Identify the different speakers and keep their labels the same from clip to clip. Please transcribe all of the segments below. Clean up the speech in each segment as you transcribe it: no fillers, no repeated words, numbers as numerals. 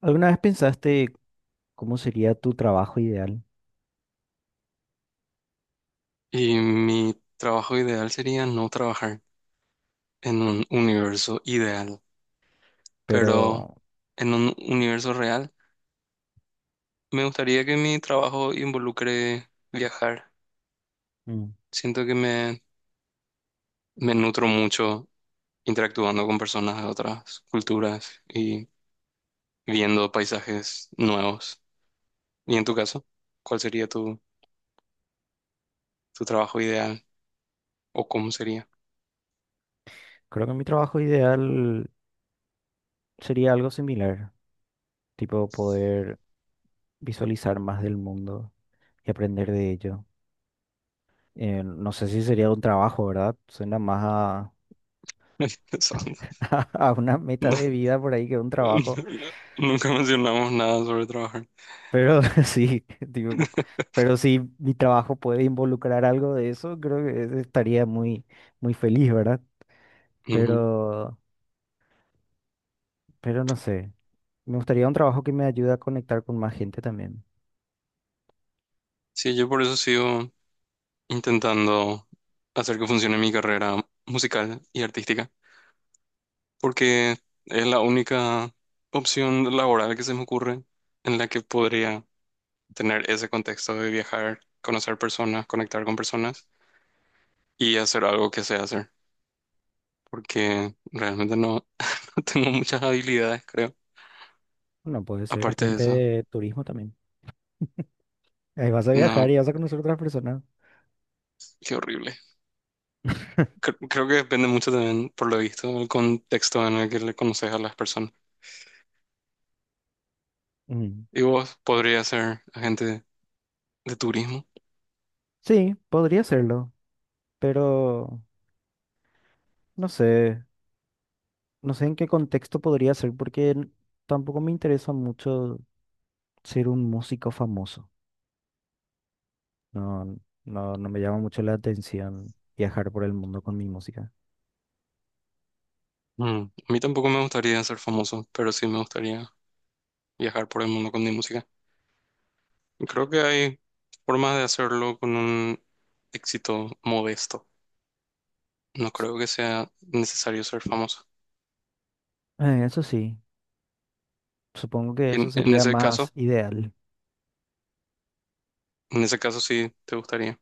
Speaker 1: ¿Alguna vez pensaste cómo sería tu trabajo ideal?
Speaker 2: Y mi trabajo ideal sería no trabajar en un universo ideal,
Speaker 1: Pero
Speaker 2: pero en un universo real me gustaría que mi trabajo involucre viajar.
Speaker 1: mm,
Speaker 2: Siento que me nutro mucho interactuando con personas de otras culturas y viendo paisajes nuevos. Y en tu caso, ¿cuál sería tu trabajo ideal o cómo sería?
Speaker 1: creo que mi trabajo ideal sería algo similar, tipo poder visualizar más del mundo y aprender de ello. No sé si sería un trabajo, ¿verdad? Suena más a,
Speaker 2: Pensando.
Speaker 1: a una meta
Speaker 2: No,
Speaker 1: de vida por ahí que un
Speaker 2: no, no,
Speaker 1: trabajo,
Speaker 2: nunca mencionamos nada sobre trabajar.
Speaker 1: pero sí, tipo, pero si mi trabajo puede involucrar algo de eso, creo que estaría muy, muy feliz, ¿verdad?
Speaker 2: Ujú.
Speaker 1: Pero... pero no sé. Me gustaría un trabajo que me ayude a conectar con más gente también.
Speaker 2: Sí, yo por eso sigo intentando hacer que funcione mi carrera musical y artística, porque es la única opción laboral que se me ocurre en la que podría tener ese contexto de viajar, conocer personas, conectar con personas y hacer algo que sé hacer, porque realmente no tengo muchas habilidades, creo.
Speaker 1: Bueno, puede ser
Speaker 2: Aparte de
Speaker 1: agente
Speaker 2: eso,
Speaker 1: de turismo también. Ahí vas a viajar
Speaker 2: no,
Speaker 1: y vas a conocer otras personas.
Speaker 2: qué horrible. Creo que depende mucho también, por lo visto, del contexto en el que le conoces a las personas.
Speaker 1: Mm.
Speaker 2: ¿Y vos podrías ser agente de turismo?
Speaker 1: Sí, podría serlo, pero no sé, no sé en qué contexto podría ser porque tampoco me interesa mucho ser un músico famoso. No, no, no me llama mucho la atención viajar por el mundo con mi música.
Speaker 2: Mm, a mí tampoco me gustaría ser famoso, pero sí me gustaría viajar por el mundo con mi música. Y creo que hay formas de hacerlo con un éxito modesto. No creo que sea necesario ser famoso.
Speaker 1: Eso sí, supongo que
Speaker 2: Y
Speaker 1: eso sería más ideal.
Speaker 2: en ese caso sí te gustaría.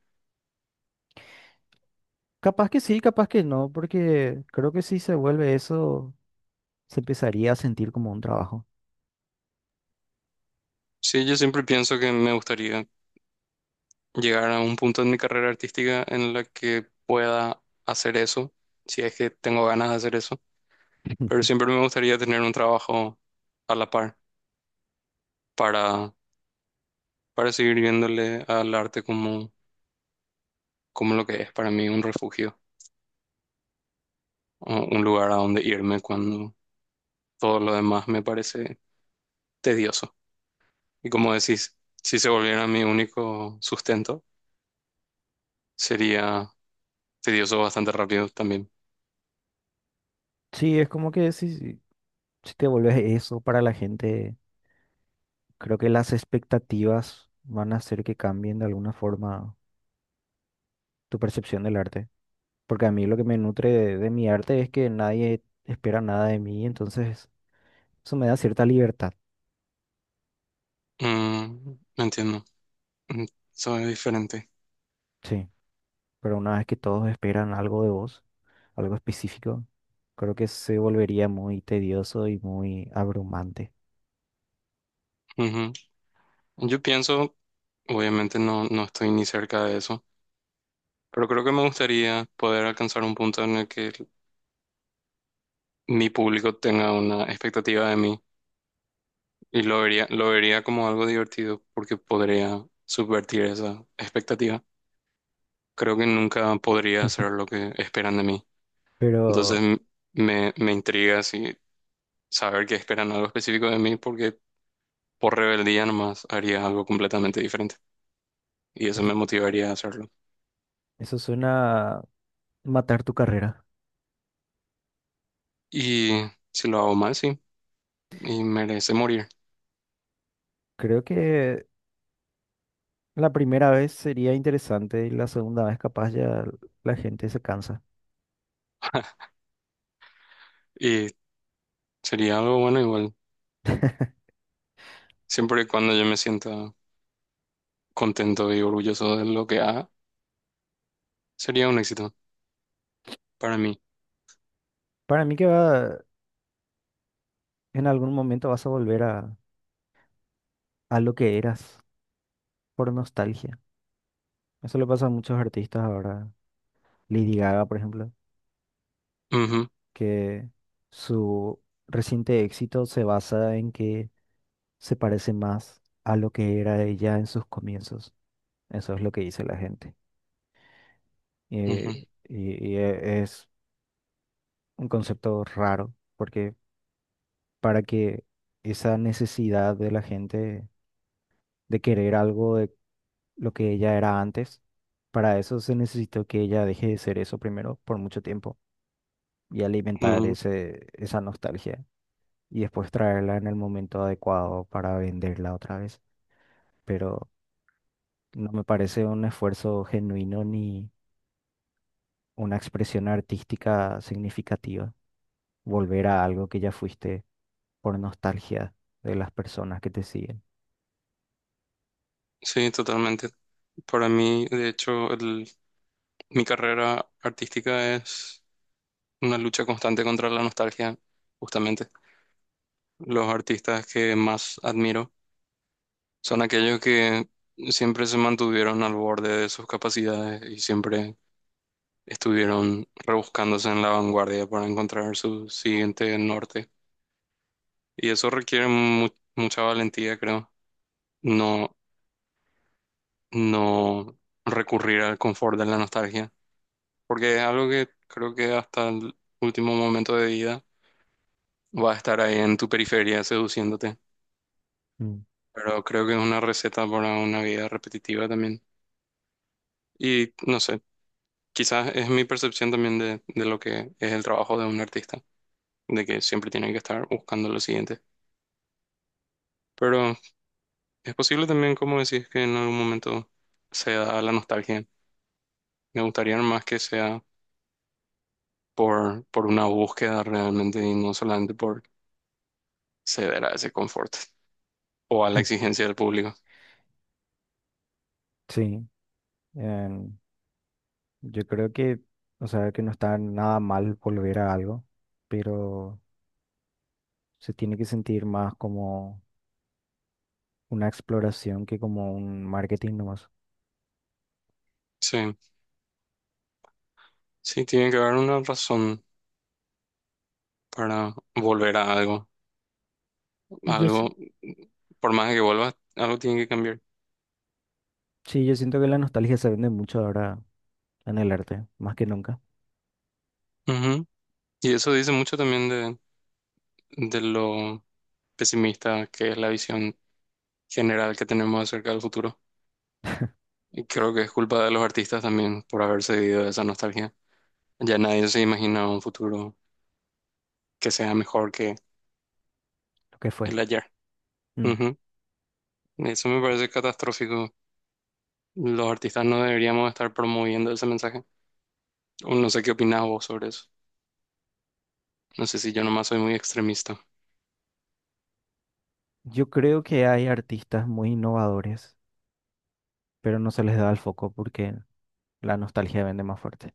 Speaker 1: Capaz que sí, capaz que no, porque creo que si se vuelve eso, se empezaría a sentir como un trabajo.
Speaker 2: Sí, yo siempre pienso que me gustaría llegar a un punto en mi carrera artística en la que pueda hacer eso, si es que tengo ganas de hacer eso. Pero siempre me gustaría tener un trabajo a la par para para seguir viéndole al arte como, como lo que es para mí un refugio, o un lugar a donde irme cuando todo lo demás me parece tedioso. Y como decís, si se volviera mi único sustento, sería tedioso bastante rápido también.
Speaker 1: Sí, es como que si, si te vuelves eso para la gente, creo que las expectativas van a hacer que cambien de alguna forma tu percepción del arte. Porque a mí lo que me nutre de mi arte es que nadie espera nada de mí, entonces eso me da cierta libertad.
Speaker 2: Mm, entiendo. Mm, eso es diferente.
Speaker 1: Sí. Pero una vez que todos esperan algo de vos, algo específico, creo que se volvería muy tedioso y muy abrumante.
Speaker 2: Ujú. Yo pienso, obviamente no estoy ni cerca de eso, pero creo que me gustaría poder alcanzar un punto en el que mi público tenga una expectativa de mí. Y lo vería como algo divertido porque podría subvertir esa expectativa. Creo que nunca podría hacer lo que esperan de mí. Entonces
Speaker 1: Pero
Speaker 2: me intriga si saber que esperan algo específico de mí porque por rebeldía nomás haría algo completamente diferente. Y eso
Speaker 1: es-
Speaker 2: me motivaría a hacerlo.
Speaker 1: eso suena a matar tu carrera.
Speaker 2: Y si lo hago mal, sí. Y merece morir.
Speaker 1: Creo que la primera vez sería interesante y la segunda vez capaz ya la gente se cansa.
Speaker 2: Y sería algo bueno igual. Siempre y cuando yo me sienta contento y orgulloso de lo que haga, sería un éxito para mí.
Speaker 1: Para mí que va, en algún momento vas a volver a lo que eras por nostalgia. Eso le pasa a muchos artistas ahora. Lady Gaga, por ejemplo.
Speaker 2: Ujú,
Speaker 1: Que su reciente éxito se basa en que se parece más a lo que era ella en sus comienzos. Eso es lo que dice la gente. Eh,
Speaker 2: ujú,
Speaker 1: y, y es un concepto raro, porque para que esa necesidad de la gente de querer algo de lo que ella era antes, para eso se necesitó que ella deje de ser eso primero por mucho tiempo y alimentar
Speaker 2: ujú.
Speaker 1: ese, esa nostalgia. Y después traerla en el momento adecuado para venderla otra vez. Pero no me parece un esfuerzo genuino ni una expresión artística significativa volver a algo que ya fuiste por nostalgia de las personas que te siguen.
Speaker 2: Sí, totalmente. Para mí, de hecho, mi carrera artística es una lucha constante contra la nostalgia, justamente. Los artistas que más admiro son aquellos que siempre se mantuvieron al borde de sus capacidades y siempre estuvieron rebuscándose en la vanguardia para encontrar su siguiente norte. Y eso requiere mucha valentía, creo. No, no recurrir al confort de la nostalgia porque es algo que creo que hasta el último momento de vida va a estar ahí en tu periferia seduciéndote.
Speaker 1: Mm.
Speaker 2: Pero creo que es una receta para una vida repetitiva también. Y no sé, quizás es mi percepción también de lo que es el trabajo de un artista, de que siempre tiene que estar buscando lo siguiente. Pero es posible también, como decís, que en algún momento se da la nostalgia. Me gustaría más que sea por una búsqueda realmente y no solamente por ceder a ese confort o a la exigencia del público.
Speaker 1: Sí, em, yo creo que, o sea, que no está nada mal volver a algo, pero se tiene que sentir más como una exploración que como un marketing nomás.
Speaker 2: Sí, sí, tiene que haber una razón para volver a algo.
Speaker 1: Y yo, s-
Speaker 2: Algo, por más que vuelvas, algo tiene que cambiar.
Speaker 1: Sí, yo siento que la nostalgia se vende mucho ahora en el arte, más que nunca,
Speaker 2: Ujú. Y eso dice mucho también de lo pesimista que es la visión general que tenemos acerca del futuro. Y creo que es culpa de los artistas también por haber cedido a esa nostalgia. Ya nadie se imagina un futuro que sea mejor que
Speaker 1: lo que fue.
Speaker 2: el ayer.
Speaker 1: Mm.
Speaker 2: Ujú. Eso me parece catastrófico. Los artistas no deberíamos estar promoviendo ese mensaje. O no sé qué opinas vos sobre eso. No sé si yo nomás soy muy extremista.
Speaker 1: Yo creo que hay artistas muy innovadores, pero no se les da el foco porque la nostalgia vende más fuerte.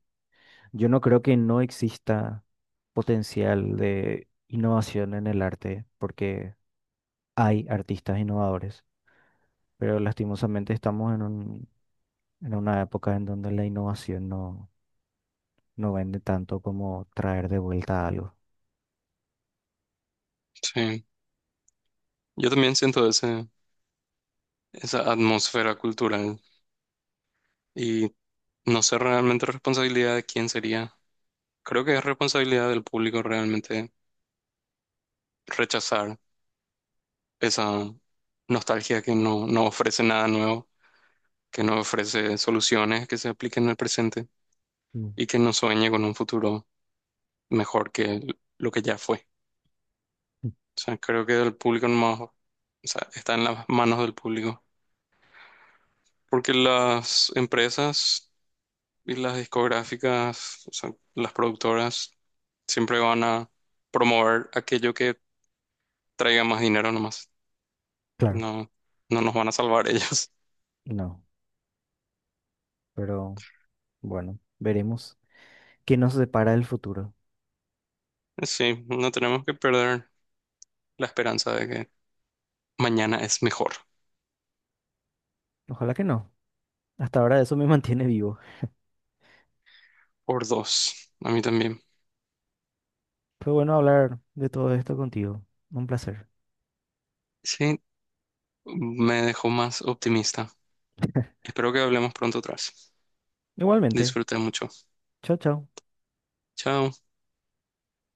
Speaker 1: Yo no creo que no exista potencial de innovación en el arte porque hay artistas innovadores, pero lastimosamente estamos en un, en una época en donde la innovación no, no vende tanto como traer de vuelta algo.
Speaker 2: Sí, yo también siento esa atmósfera cultural y no sé realmente responsabilidad de quién sería. Creo que es responsabilidad del público realmente rechazar esa nostalgia que no ofrece nada nuevo, que no ofrece soluciones que se apliquen al presente
Speaker 1: Mm.
Speaker 2: y que no sueñe con un futuro mejor que lo que ya fue.
Speaker 1: Mm.
Speaker 2: O sea, creo que el público nomás, o sea, está en las manos del público. Porque las empresas y las discográficas, o sea, las productoras, siempre van a promover aquello que traiga más dinero nomás.
Speaker 1: Claro.
Speaker 2: No, no nos van a salvar ellos.
Speaker 1: No, pero... Bueno, veremos qué nos depara el futuro.
Speaker 2: Sí, no tenemos que perder la esperanza de que mañana es mejor.
Speaker 1: Ojalá que no. Hasta ahora eso me mantiene vivo.
Speaker 2: Por dos, a mí también.
Speaker 1: Fue bueno hablar de todo esto contigo. Un placer.
Speaker 2: Sí, me dejó más optimista. Espero que hablemos pronto atrás.
Speaker 1: Igualmente.
Speaker 2: Disfruté mucho.
Speaker 1: Chao, chao.
Speaker 2: Chao.